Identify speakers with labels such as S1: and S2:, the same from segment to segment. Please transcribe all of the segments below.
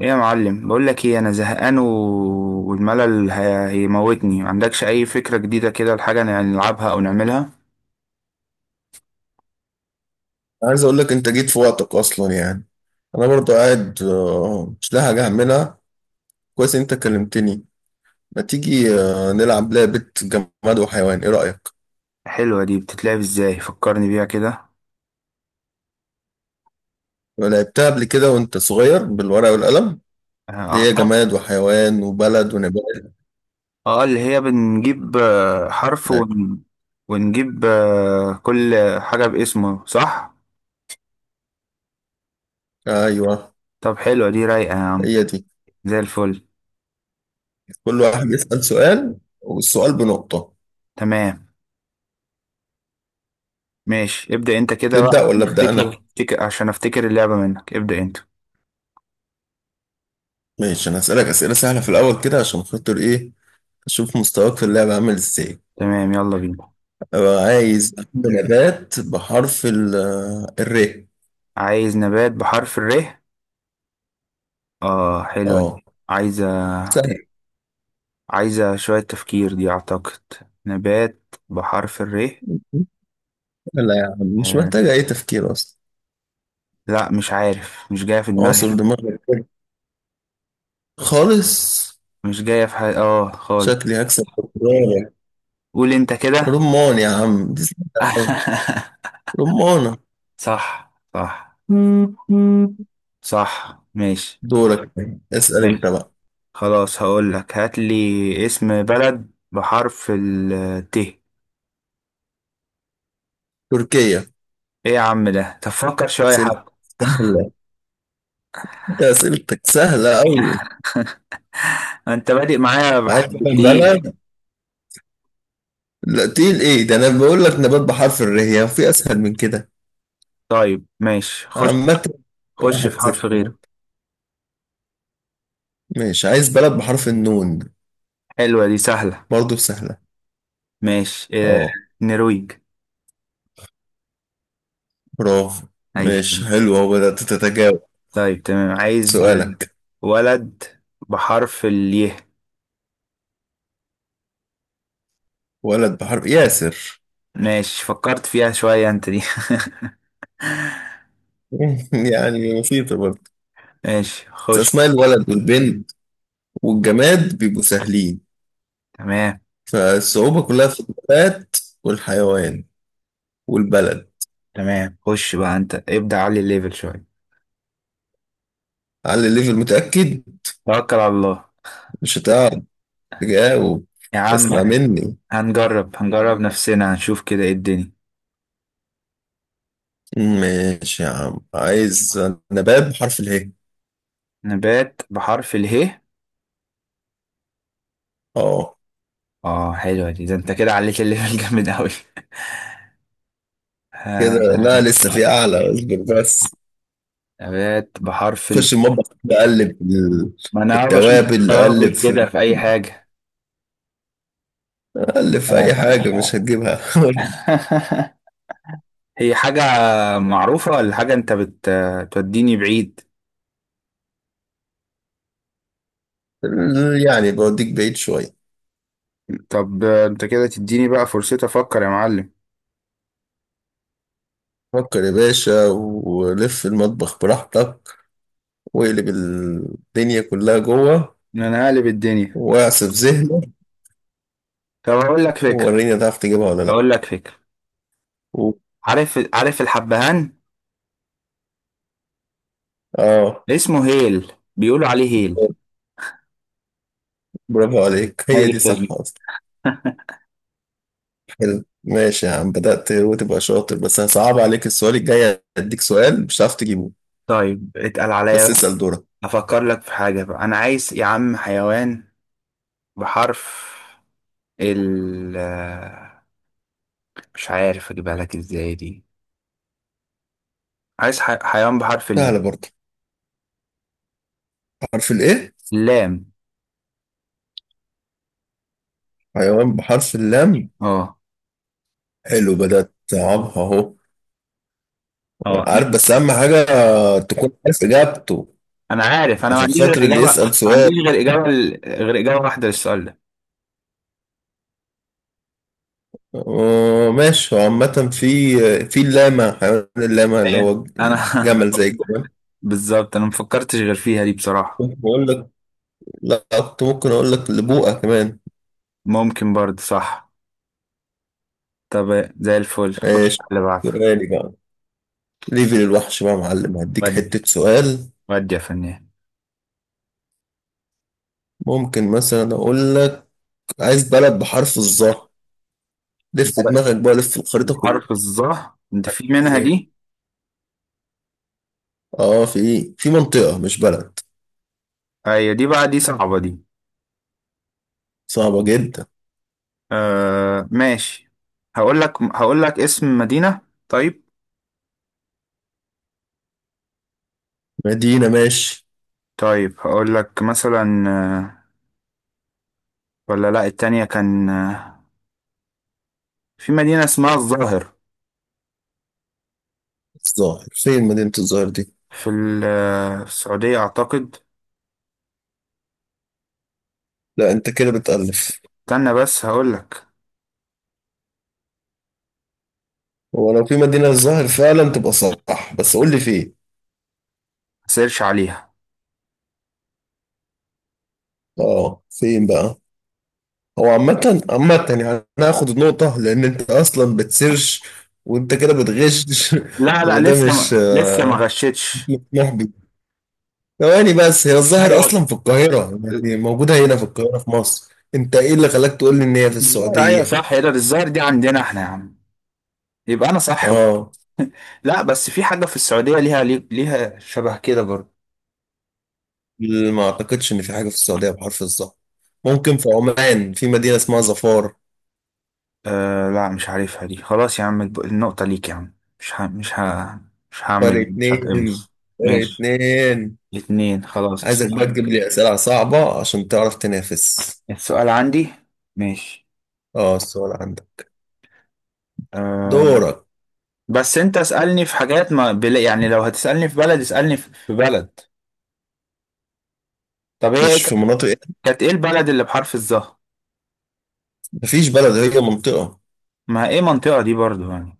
S1: ايه يا معلم، بقول لك ايه، انا زهقان و... والملل هيموتني. ما عندكش اي فكرة جديدة كده لحاجة نلعبها او نعملها؟
S2: عايز اقول لك انت جيت في وقتك اصلا يعني. انا برضو قاعد، مش لاقي حاجه اعملها. كويس إن انت كلمتني. ما تيجي نلعب لعبه جماد وحيوان، ايه رايك؟
S1: حلوة دي، بتتلعب ازاي؟ فكرني بيها كده.
S2: لعبتها قبل كده وانت صغير بالورقه والقلم، اللي
S1: اه
S2: هي جماد وحيوان وبلد ونبات.
S1: اللي هي بنجيب حرف
S2: لا.
S1: ون... ونجيب كل حاجة باسمه، صح؟
S2: ايوه،
S1: طب حلوة دي، رايقة يا عم.
S2: هي دي.
S1: زي الفل.
S2: كل واحد يسال سؤال والسؤال بنقطه.
S1: تمام ماشي، ابدأ انت كده
S2: تبدا
S1: بقى.
S2: ولا ابدا انا؟
S1: افتكر، عشان افتكر اللعبة منك، ابدأ انت.
S2: ماشي. انا هسالك اسئله سهله في الاول كده عشان خاطر ايه؟ اشوف مستواك في اللعبه عامل ازاي.
S1: تمام يلا بينا.
S2: أبقى عايز أكل نبات بحرف ال آه، الر.
S1: عايز نبات بحرف الر. اه حلوة
S2: اه،
S1: دي، عايز.
S2: سهل.
S1: عايزة شوية تفكير دي أعتقد. نبات بحرف الري.
S2: لا يا عم، مش
S1: آه.
S2: محتاجة أي تفكير أصلا.
S1: لا مش عارف، مش جاية في دماغي.
S2: أعصر دماغك كده، خالص.
S1: مش جاية في حاجة، اه خالص.
S2: شكلي هكسب بكرة.
S1: قول انت كده.
S2: رمان يا عم، دي سهلة أوي. رمانة.
S1: صح صح. صح ماشي.
S2: دورك، اسأل أنت
S1: ماشي
S2: بقى.
S1: خلاص، هقول لك، هات لي اسم بلد بحرف الت. ايه
S2: تركيا.
S1: يا عم ده، تفكر شوية
S2: سهلة،
S1: حبة.
S2: سهلة. أنت أسئلتك سهلة أوي.
S1: انت بادئ معايا
S2: عايز
S1: بحرف الت؟
S2: تعمل بلد؟ لا تقيل إيه ده؟ أنا بقول لك نبات بحرف الر، هي في أسهل من كده؟
S1: طيب ماشي خش،
S2: عامة.
S1: خش
S2: واحد
S1: في حرف
S2: صفر
S1: غيره.
S2: ماشي، عايز بلد بحرف النون.
S1: حلوة دي سهلة.
S2: برضه سهلة.
S1: ماشي. آه،
S2: اه،
S1: نرويج.
S2: برافو.
S1: أي
S2: ماشي
S1: خدمة.
S2: حلو، اهو بدأت تتجاوب.
S1: طيب تمام، عايز، صح؟
S2: سؤالك.
S1: ولد بحرف اليه.
S2: ولد بحرف ياسر.
S1: ماشي فكرت فيها شوية أنت دي.
S2: يعني بسيطة برضه.
S1: ماشي
S2: بس
S1: خش.
S2: أسماء الولد والبنت والجماد بيبقوا سهلين.
S1: تمام.
S2: فالصعوبة كلها في النبات والحيوان والبلد.
S1: تمام خش بقى أنت، ابدأ علي الليفل شوية.
S2: على الليفل متأكد؟
S1: توكل على الله
S2: مش هتعرف تجاوب.
S1: يا
S2: اسمع
S1: عم،
S2: مني.
S1: هنجرب نفسنا، هنشوف كده ايه الدنيا.
S2: ماشي يا عم، عايز نبات بحرف اله.
S1: نبات بحرف اله.
S2: اه.
S1: اه حلوة دي، ده انت كده عليت الليفل جامد أوي. آه.
S2: كده؟ لا، لسه في أعلى، اصبر بس.
S1: نبات بحرف ال.
S2: خش المطبخ كده، قلب في
S1: ما
S2: في
S1: انا بشوف.
S2: التوابل، قلب
S1: توابل كده،
S2: في
S1: في اي حاجة.
S2: قلب في اي حاجه مش
S1: آه.
S2: هتجيبها.
S1: هي حاجة معروفة ولا حاجة انت بتوديني بعيد؟
S2: يعني بوديك بعيد شويه.
S1: طب انت كده تديني بقى فرصتي افكر يا معلم.
S2: فكر يا باشا، ولف المطبخ براحتك، واقلب الدنيا كلها جوه،
S1: انا هقلب الدنيا.
S2: واعصف ذهنك،
S1: طب اقول لك فكرة.
S2: ووريني هتعرف تجيبها ولا لا.
S1: اقول لك فكرة.
S2: و...
S1: عارف، عارف الحبهان؟
S2: اه،
S1: اسمه هيل، بيقولوا عليه هيل.
S2: برافو عليك. هي
S1: اي
S2: دي صح
S1: خدمة.
S2: اصلا. حلو ماشي يا عم، بدأت وتبقى شاطر. بس هصعب عليك السؤال الجاي، هديك سؤال مش هتعرف تجيبه.
S1: طيب اتقل عليا
S2: بس
S1: بقى.
S2: اسأل دورك.
S1: افكر لك في حاجة بقى. انا عايز يا عم حيوان بحرف ال مش عارف اجيبها لك ازاي دي. عايز حيوان بحرف
S2: سهلة
S1: اللام.
S2: برضه. عارف الايه؟
S1: اللام،
S2: حيوان بحرف اللام.
S1: اه.
S2: حلو، بدأت أصعبها أهو.
S1: اه
S2: عارف، بس أهم حاجة تكون عارف إجابته
S1: انا عارف، انا ما
S2: عشان
S1: عنديش غير
S2: خاطر اللي
S1: اجابه، ما
S2: يسأل سؤال.
S1: عنديش غير اجابه، غير اجابه واحده للسؤال ده.
S2: ماشي، هو عامة، في اللاما، حيوان اللاما اللي
S1: هي،
S2: هو
S1: انا.
S2: جمل، زي الجمل.
S1: بالظبط، انا ما فكرتش غير فيها دي بصراحه.
S2: ممكن أقول لك، لا، كنت ممكن أقول لك لبوقة كمان.
S1: ممكن برضه، صح. طب زي الفل، خش
S2: ماشي.
S1: على اللي بعده.
S2: سؤالي بقى. ليفل الوحش بقى يا معلم، هديك
S1: ودي،
S2: حتة سؤال.
S1: ودي يا فنان.
S2: ممكن مثلا أقول لك عايز بلد بحرف الظا. لف دماغك بقى، لف الخريطة
S1: حرف الظهر؟ انت في منها
S2: كلها.
S1: دي؟
S2: اه، في منطقة مش بلد.
S1: ايوه دي بقى، دي صعبه دي.
S2: صعبة جدا.
S1: آه ماشي، هقول لك، هقول لك اسم مدينه. طيب.
S2: مدينة، ماشي.
S1: طيب هقول لك مثلا ولا لا، التانية كان في مدينه اسمها الظاهر.
S2: الظاهر؟ فين مدينة الظاهر دي؟
S1: في ال- في السعودية أعتقد.
S2: لا انت كده بتألف.
S1: استنى بس هقولك،
S2: هو لو في مدينة الظاهر فعلا تبقى صح، بس قول لي فين.
S1: سيرش عليها.
S2: اه، فين بقى؟ هو عامة، عامة يعني. انا هاخد النقطة، لان انت اصلا بتسيرش، وانت كده بتغش.
S1: لا لا،
S2: وده مش
S1: لسه ما غشتش.
S2: مش محبي. ثواني بس، هي الظاهر
S1: ايوه
S2: اصلا في القاهرة، يعني موجودة هنا في القاهرة في مصر، انت ايه اللي خلاك تقول لي ان هي في
S1: الظاهر، ايوه
S2: السعودية؟
S1: صح، يا ده الظاهر دي عندنا احنا يا عم، يبقى انا صح.
S2: اه،
S1: لا بس في حاجة في السعودية ليها، ليها شبه كده برضه.
S2: ما اعتقدش ان في حاجه في السعوديه بحرف الظهر. ممكن في عمان في مدينه اسمها ظفار.
S1: آه لا مش عارفها دي، خلاص يا عم النقطة ليك يا عم، مش هعمل،
S2: فرق
S1: مش
S2: اتنين،
S1: هتقمص.
S2: فرق
S1: ماشي.
S2: اتنين.
S1: اتنين، خلاص
S2: عايزك
S1: السؤال.
S2: بقى تجيب لي اسئله صعبه عشان تعرف تنافس.
S1: السؤال عندي. ماشي.
S2: اه، السؤال عندك،
S1: آه،
S2: دورك.
S1: بس انت اسألني في حاجات ما بلا يعني، لو هتسألني في بلد اسألني في بلد. طب هي
S2: مش في مناطق إيه؟
S1: كانت ايه البلد اللي بحرف الظهر؟
S2: مفيش بلد، هي منطقه.
S1: ما ايه منطقة دي برضو يعني،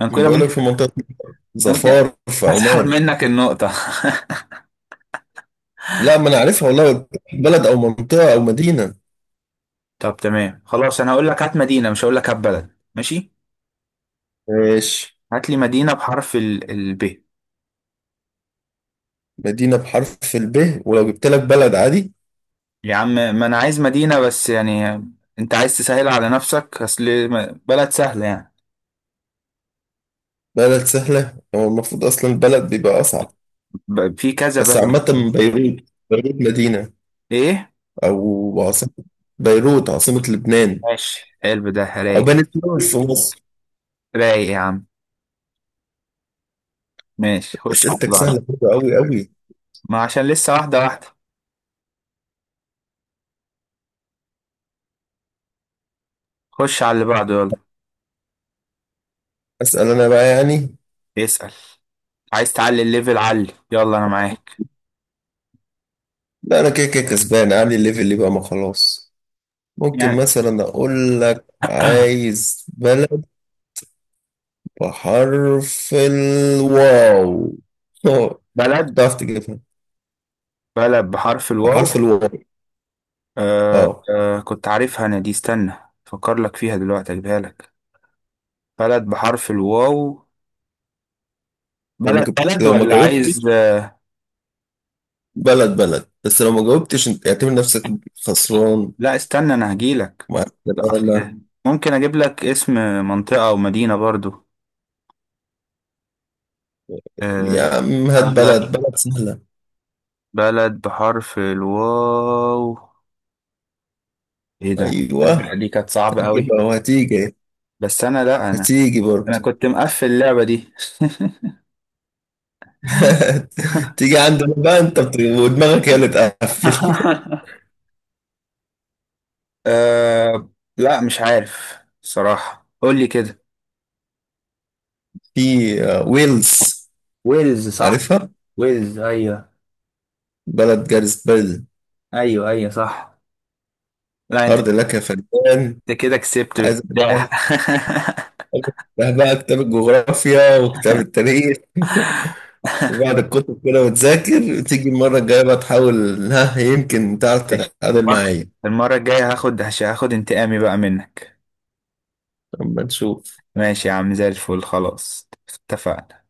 S1: انا
S2: أنا
S1: كده
S2: بقول لك
S1: ممكن،
S2: في منطقه
S1: ممكن
S2: ظفار في
S1: اسحب
S2: عمان.
S1: منك النقطة.
S2: لا، ما انا عارفها والله، قلت لك بلد او منطقه او مدينه.
S1: طب تمام خلاص، انا هقول لك هات مدينة، مش هقول لك هات بلد، ماشي؟
S2: ماشي.
S1: هات لي مدينة بحرف ال ب.
S2: مدينه بحرف الب، ولو جبت لك بلد عادي.
S1: يا عم ما انا عايز مدينة بس يعني، انت عايز تسهل على نفسك، اصل بلد سهلة يعني،
S2: بلد سهله، هو المفروض اصلا البلد بيبقى اصعب.
S1: في كذا
S2: بس
S1: بلد.
S2: عامة، بيروت. بيروت مدينة
S1: ايه
S2: أو عاصمة. بيروت عاصمة لبنان.
S1: ماشي، حلو ده،
S2: أو
S1: رايق.
S2: بني سويف في مصر.
S1: رايق يا عم. ماشي خش على
S2: أسئلتك
S1: اللي بعده.
S2: سهلة برضه أوي أوي.
S1: ما عشان لسه، واحدة واحدة. خش على اللي بعده يلا.
S2: أسأل أنا بقى يعني.
S1: اسأل. عايز تعلي الليفل علي، يلا أنا معاك.
S2: لا، أنا كده كده كسبان، عامل الليفل اللي بقى ما خلاص. ممكن
S1: يعني.
S2: مثلا أقول لك عايز بلد بحرف الواو. أه.
S1: بلد
S2: تعرف تجيبها؟
S1: بلد بحرف الواو.
S2: بحرف الواو.
S1: آه
S2: أه،
S1: آه كنت عارفها أنا دي، استنى. أفكر لك فيها دلوقتي، أجيبها لك. بلد بحرف الواو. بلد، بلد،
S2: لو ما
S1: ولا عايز.
S2: جاوبتش بلد بلد، بس لو ما جاوبتش أنت اعتبر نفسك خسران.
S1: لا استنى أنا هجيلك.
S2: مع
S1: لا،
S2: السلامة.
S1: أصل ممكن أجيب لك اسم منطقة أو مدينة برضو.
S2: يا
S1: آه.
S2: عم هات
S1: بلد،
S2: بلد، بلد سهلة.
S1: بلد بحرف الواو. ايه ده، التتبيله
S2: أيوة.
S1: دي كانت صعبة قوي.
S2: هتجيبها وهتيجي.
S1: بس انا، لا انا
S2: هتيجي برضه.
S1: انا كنت مقفل اللعبة دي.
S2: تيجي عندنا بقى. أنت ودماغك هي اللي تقفل.
S1: أه. لا مش عارف صراحة، قول لي كده.
S2: في ويلز.
S1: ويلز، صح.
S2: عارفها.
S1: ويلز ايوه.
S2: بلد جارس بلد.
S1: ايوه ايوه صح. لا انت،
S2: أرض لك يا فنان.
S1: انت كده كسبت
S2: عايز بقى.
S1: باكتساح.
S2: ده بقى كتاب الجغرافيا وكتاب التاريخ. وبعد الكتب كده وتذاكر، تيجي المرة الجاية بقى تحاول، ها يمكن تعرف
S1: ماشي.
S2: تتعادل
S1: المرة
S2: معايا.
S1: المرة الجاية هاخد، هاخد انتقامي بقى منك.
S2: أما نشوف.
S1: ماشي يا عم، زي الفل، خلاص اتفقنا.